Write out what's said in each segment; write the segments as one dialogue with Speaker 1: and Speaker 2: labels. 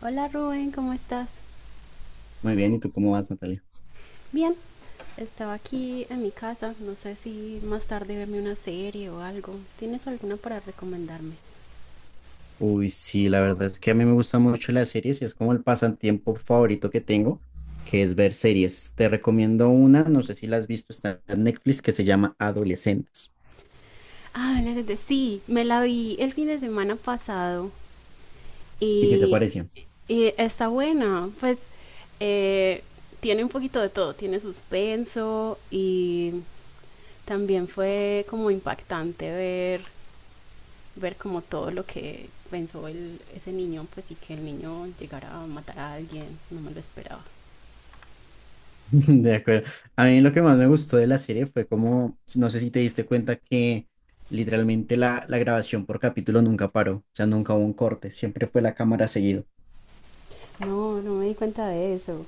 Speaker 1: Hola Rubén, ¿cómo estás?
Speaker 2: Muy bien, ¿y tú cómo vas, Natalia?
Speaker 1: Bien, estaba aquí en mi casa, no sé si más tarde verme una serie o algo. ¿Tienes alguna para recomendarme?
Speaker 2: Uy, sí, la verdad es que a mí me gustan mucho las series y es como el pasatiempo favorito que tengo, que es ver series. Te recomiendo una, no sé si la has visto, está en Netflix, que se llama Adolescentes.
Speaker 1: Ah, sí, me la vi el fin de semana pasado
Speaker 2: ¿Y qué te
Speaker 1: y,
Speaker 2: pareció?
Speaker 1: y está buena. Pues eh, tiene un poquito de todo, tiene suspenso y también fue como impactante ver como todo lo que pensó ese niño, pues y que el niño llegara a matar a alguien, no me lo esperaba.
Speaker 2: De acuerdo. A mí lo que más me gustó de la serie fue como, no sé si te diste cuenta que literalmente la grabación por capítulo nunca paró, o sea, nunca hubo un corte, siempre fue la cámara seguido.
Speaker 1: No, no me di cuenta de eso.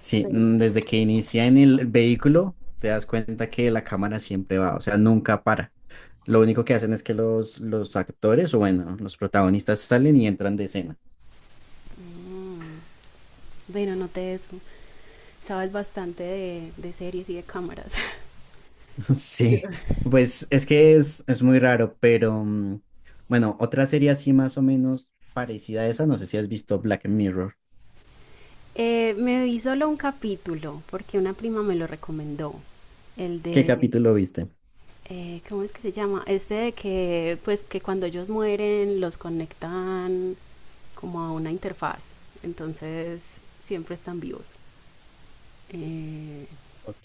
Speaker 2: Sí, desde que inicia en el vehículo, te das cuenta que la cámara siempre va, o sea, nunca para. Lo único que hacen es que los actores, o bueno, los protagonistas salen y entran de escena.
Speaker 1: Bueno, noté eso. Sabes bastante de series y de cámaras.
Speaker 2: Sí,
Speaker 1: Yo-
Speaker 2: pues es que es muy raro, pero bueno, otra serie así más o menos parecida a esa, no sé si has visto Black Mirror.
Speaker 1: Me vi solo un capítulo porque una prima me lo recomendó. El
Speaker 2: ¿Qué
Speaker 1: de,
Speaker 2: capítulo viste?
Speaker 1: ¿Cómo es que se llama? Este de que, pues, que cuando ellos mueren los conectan como a una interfaz. Entonces, siempre están vivos. Eh,
Speaker 2: Ok,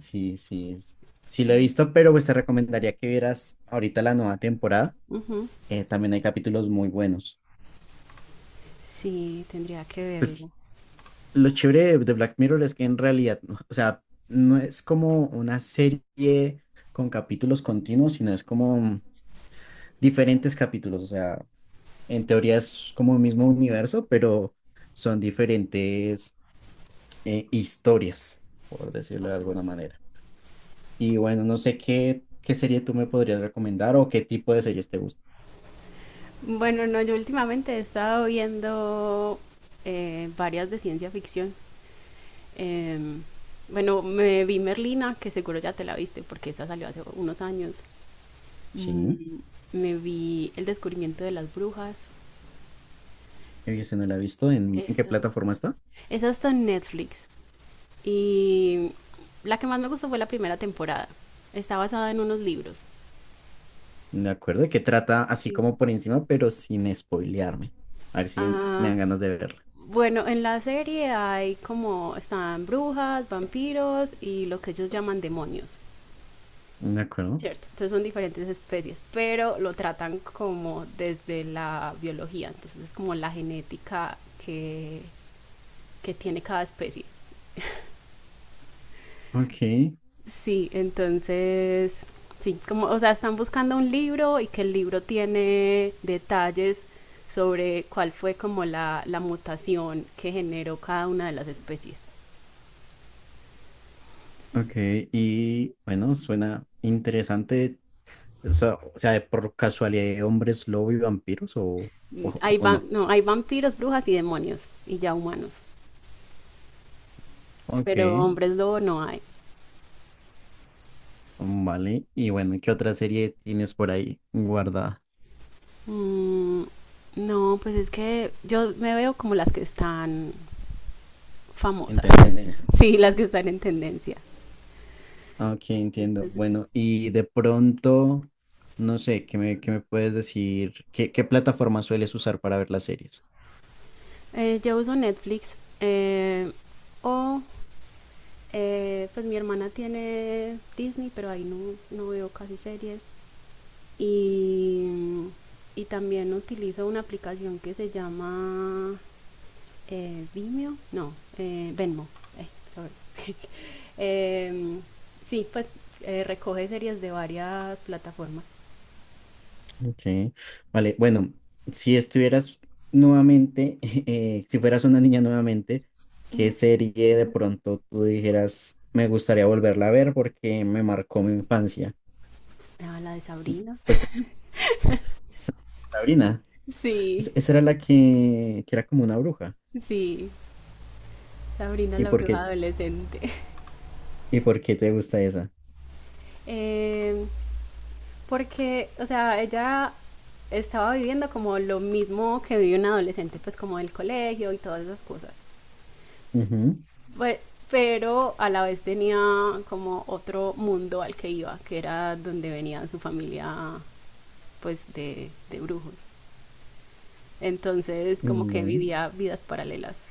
Speaker 2: sí, sí, es- sí lo he visto, pero pues te recomendaría que vieras ahorita la nueva temporada.
Speaker 1: ujú.
Speaker 2: También hay capítulos muy buenos.
Speaker 1: Sí, tendría que verlo.
Speaker 2: Pues, lo chévere de Black Mirror es que en realidad, o sea, no es como una serie con capítulos continuos, sino es como diferentes capítulos. O sea, en teoría es como el mismo universo, pero son diferentes historias, por decirlo de alguna manera. Y bueno, no sé qué serie tú me podrías recomendar o qué tipo de series te gusta.
Speaker 1: Bueno, no, yo últimamente he estado viendo varias de ciencia ficción. Em, bueno, me vi Merlina, que seguro ya te la viste porque esa salió hace unos años.
Speaker 2: Sí,
Speaker 1: Me vi El descubrimiento de las brujas.
Speaker 2: yo ese no la he visto. En qué plataforma está?
Speaker 1: Esa está en Netflix. Y la que más me gustó fue la primera temporada. Está basada en unos libros.
Speaker 2: De acuerdo, ¿que trata así como por encima, pero sin spoilearme? A ver si me
Speaker 1: Ah,
Speaker 2: dan ganas de verla.
Speaker 1: bueno, en la serie hay como están brujas, vampiros y lo que ellos llaman demonios.
Speaker 2: De acuerdo.
Speaker 1: ¿Cierto? Entonces son diferentes especies, pero lo tratan como desde la biología, entonces es como la genética que, que tiene cada especie.
Speaker 2: Ok,
Speaker 1: Sí, entonces, sí, como, o sea, están buscando un libro y que el libro tiene detalles sobre cuál fue como la mutación que generó cada una de las especies.
Speaker 2: ok. Y bueno, suena interesante. O sea, por casualidad, ¿hay ¿hombres lobo y vampiros
Speaker 1: Hay,
Speaker 2: o
Speaker 1: va,
Speaker 2: no?
Speaker 1: no, hay vampiros, brujas y demonios, y ya humanos,
Speaker 2: Ok,
Speaker 1: pero hombres lobo no hay.
Speaker 2: vale. Y bueno, ¿qué otra serie tienes por ahí guardada
Speaker 1: Mm, no, pues es que yo me veo como las que están
Speaker 2: en
Speaker 1: famosas.
Speaker 2: tendencia?
Speaker 1: Tendencia. Sí, las que están en tendencia.
Speaker 2: Ok, entiendo. Bueno, y de pronto, no sé, qué me puedes decir? Qué plataforma sueles usar para ver las series?
Speaker 1: Yo uso Netflix, eh, o pues mi hermana tiene Disney, pero ahí no, no veo casi series. Y, y también utilizo una aplicación que se llama Vimeo, no, Venmo. Eh, sorry. Em, sí, pues recoge series de varias plataformas.
Speaker 2: Ok, vale, bueno, si estuvieras nuevamente, si fueras una niña nuevamente, ¿qué serie de pronto tú dijeras, me gustaría volverla a ver porque me marcó mi infancia?
Speaker 1: Ah, la de Sabrina.
Speaker 2: Pues Sa- Sabrina,
Speaker 1: Sí,
Speaker 2: esa era la que era como una bruja.
Speaker 1: sí, Sabrina
Speaker 2: ¿Y
Speaker 1: la
Speaker 2: por
Speaker 1: bruja
Speaker 2: qué,
Speaker 1: adolescente.
Speaker 2: y por qué te gusta esa?
Speaker 1: Eh, porque, o sea, ella estaba viviendo como lo mismo que vive un adolescente, pues como del colegio y todas esas cosas.
Speaker 2: Ujú,
Speaker 1: Pues, pero a la vez tenía como otro mundo al que iba, que era donde venía su familia, pues de brujos. Entonces, como
Speaker 2: mm,
Speaker 1: que
Speaker 2: vale,
Speaker 1: vivía vidas paralelas.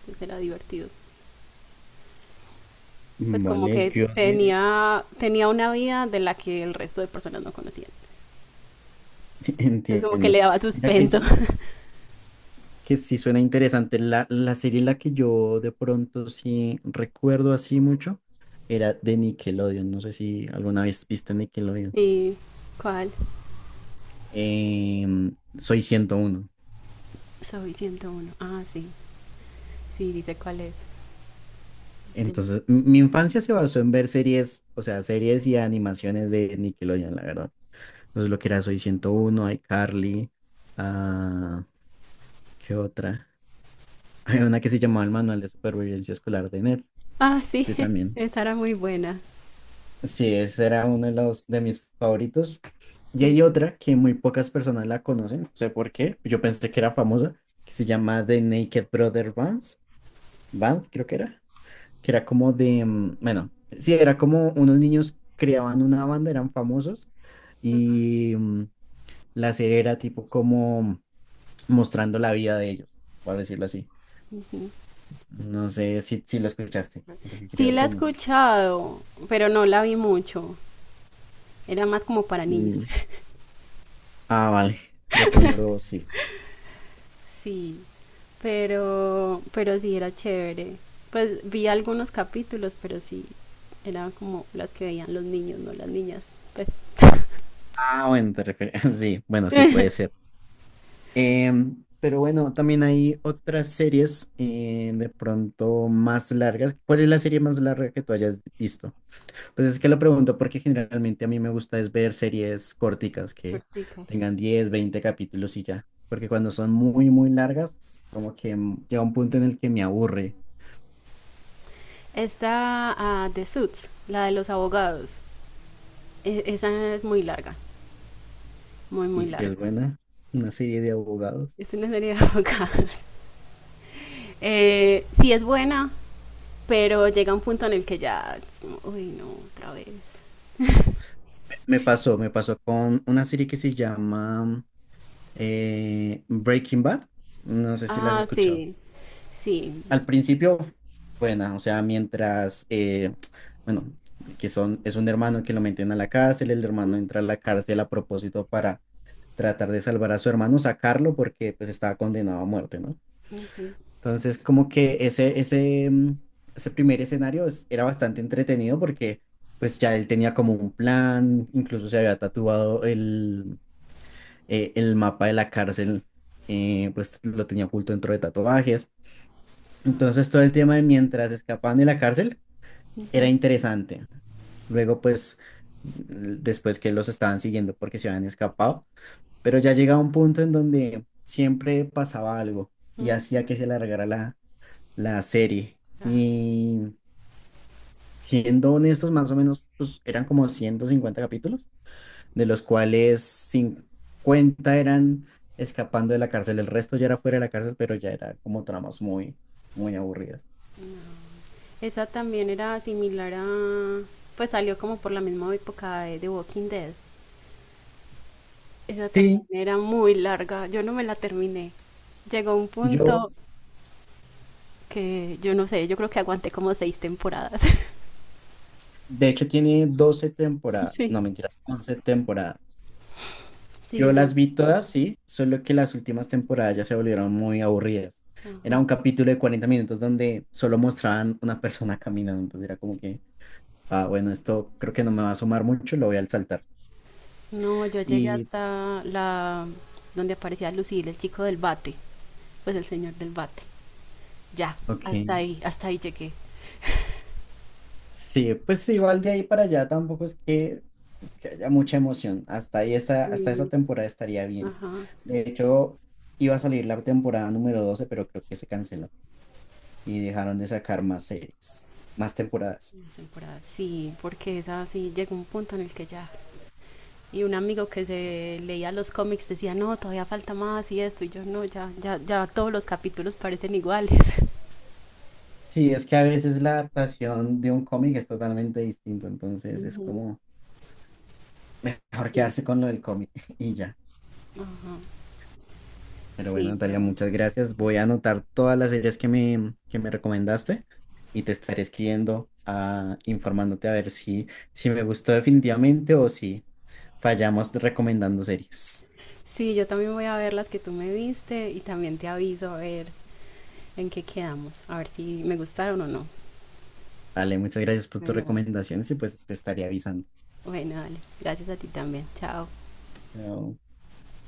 Speaker 1: Entonces era divertido. Pues como
Speaker 2: vale,
Speaker 1: que
Speaker 2: yo de-
Speaker 1: tenía, tenía una vida de la que el resto de personas no conocían. Es como que
Speaker 2: entiendo.
Speaker 1: le daba
Speaker 2: Mira
Speaker 1: suspenso.
Speaker 2: que sí suena interesante. La serie en la que yo de pronto sí recuerdo así mucho era de Nickelodeon. No sé si alguna vez viste Nickelodeon.
Speaker 1: ¿Y cuál?
Speaker 2: Soy 101
Speaker 1: Soy 101. Ah, sí. Sí, dice cuál es. De-
Speaker 2: Entonces, mi infancia se basó en ver series, o sea, series y animaciones de Nickelodeon, la verdad. Entonces, lo que era Soy 101, iCarly, ah, ¿qué otra? Hay una que se llamaba El Manual de Supervivencia Escolar de Ned.
Speaker 1: Ah, sí.
Speaker 2: Ese también.
Speaker 1: Esa era muy buena.
Speaker 2: Sí, ese era uno de los de mis favoritos. Y hay otra que muy pocas personas la conocen, no sé por qué. Yo pensé que era famosa, que se llama The Naked Brother Bands, Band, creo que era como de, bueno, sí, era como unos niños creaban una banda, eran famosos y la serie era tipo como mostrando la vida de ellos, por decirlo así.
Speaker 1: Ujú.
Speaker 2: No sé si lo escuchaste, porque
Speaker 1: Sí
Speaker 2: creo
Speaker 1: la he
Speaker 2: que no.
Speaker 1: escuchado, pero no la vi mucho. Era más como para niños.
Speaker 2: Mm, ah, vale, de pronto sí.
Speaker 1: Sí, pero sí era chévere. Pues vi algunos capítulos, pero sí, eran como las que veían los niños, no las niñas. Pues,
Speaker 2: Ah, bueno, te refieres. Sí, bueno, sí puede ser. Pero bueno, también hay otras series de pronto más largas. ¿Cuál es la serie más larga que tú hayas visto? Pues es que lo pregunto porque generalmente a mí me gusta es ver series corticas que
Speaker 1: corticas.
Speaker 2: tengan 10 20 capítulos y ya. Porque cuando son muy largas, como que llega un punto en el que me aburre.
Speaker 1: Está The Suits, la de los abogados. Esa es muy larga, muy, muy
Speaker 2: Y si es
Speaker 1: larga.
Speaker 2: buena, una serie de abogados.
Speaker 1: Es una serie de abogados. Sí es buena, pero llega un punto en el que ya, es como, uy, no, otra vez.
Speaker 2: Me pasó con una serie que se llama Breaking Bad, no sé si la has
Speaker 1: Ah,
Speaker 2: escuchado.
Speaker 1: sí, sí.
Speaker 2: Al principio, buena, o sea, bueno, que es un hermano que lo meten a la cárcel, el hermano entra a la cárcel a propósito para tratar de salvar a su hermano, sacarlo porque pues estaba condenado a muerte, ¿no?
Speaker 1: Ujú,
Speaker 2: Entonces, como que ese primer escenario era bastante entretenido porque pues ya él tenía como un plan, incluso se había tatuado el mapa de la cárcel, pues lo tenía oculto dentro de tatuajes. Entonces todo el tema de mientras escapaban de la cárcel era
Speaker 1: ujú.
Speaker 2: interesante. Luego, pues, mm, después que los estaban siguiendo porque se habían escapado, pero ya llegaba un punto en donde siempre pasaba algo y hacía que se alargara la serie.
Speaker 1: Ah,
Speaker 2: Y siendo honestos, más o menos, pues eran como 150 capítulos, de los cuales 50 eran escapando de la cárcel, el resto ya era fuera de la cárcel, pero ya era como tramas muy aburridas.
Speaker 1: esa también era similar a, pues salió como por la misma época de The Walking Dead. Esa también
Speaker 2: Sí,
Speaker 1: era muy larga, yo no me la terminé. Llegó un
Speaker 2: yo,
Speaker 1: punto que yo no sé, yo creo que aguanté como 6 temporadas.
Speaker 2: de hecho tiene 12 temporadas,
Speaker 1: Sí.
Speaker 2: no mentiras, 11 temporadas.
Speaker 1: Sí,
Speaker 2: Yo
Speaker 1: no.
Speaker 2: las vi todas, sí, solo que las últimas temporadas ya se volvieron muy aburridas. Era un capítulo de 40 minutos donde solo mostraban una persona caminando, entonces era como que, ah, bueno, esto creo que no me va a sumar mucho, lo voy a saltar.
Speaker 1: No, yo llegué
Speaker 2: Y,
Speaker 1: hasta la donde aparecía Lucille, el chico del bate, pues el señor del bate. Ya,
Speaker 2: ok.
Speaker 1: hasta ahí llegué.
Speaker 2: Sí, pues sí, igual de ahí para allá tampoco es que haya mucha emoción. Hasta ahí está, hasta esa
Speaker 1: Sí.
Speaker 2: temporada estaría bien.
Speaker 1: Ajá,
Speaker 2: De hecho, iba a salir la temporada número 12, pero creo que se canceló y dejaron de sacar más series, más temporadas.
Speaker 1: las temporadas. Sí, porque esa sí llegó un punto en el que ya. Y un amigo que se leía los cómics decía, no, todavía falta más y esto. Y yo, no, ya, ya, ya todos los capítulos parecen iguales.
Speaker 2: Sí, es que a veces la adaptación de un cómic es totalmente distinto, entonces es
Speaker 1: Ujú.
Speaker 2: como mejor
Speaker 1: Sí.
Speaker 2: quedarse con lo del cómic y ya.
Speaker 1: Ajá,
Speaker 2: Pero bueno,
Speaker 1: sí,
Speaker 2: Natalia,
Speaker 1: pero,
Speaker 2: muchas gracias. Voy a
Speaker 1: bueno.
Speaker 2: anotar todas las series que me recomendaste y te estaré escribiendo, ah, informándote a ver si me gustó definitivamente o si fallamos recomendando series.
Speaker 1: Sí, yo también voy a ver las que tú me viste y también te aviso a ver en qué quedamos, a ver si me gustaron o no.
Speaker 2: Vale, muchas gracias por tus
Speaker 1: Bueno, dale.
Speaker 2: recomendaciones y pues te estaré avisando.
Speaker 1: Bueno, dale. Gracias a ti también. Chao.
Speaker 2: Chao.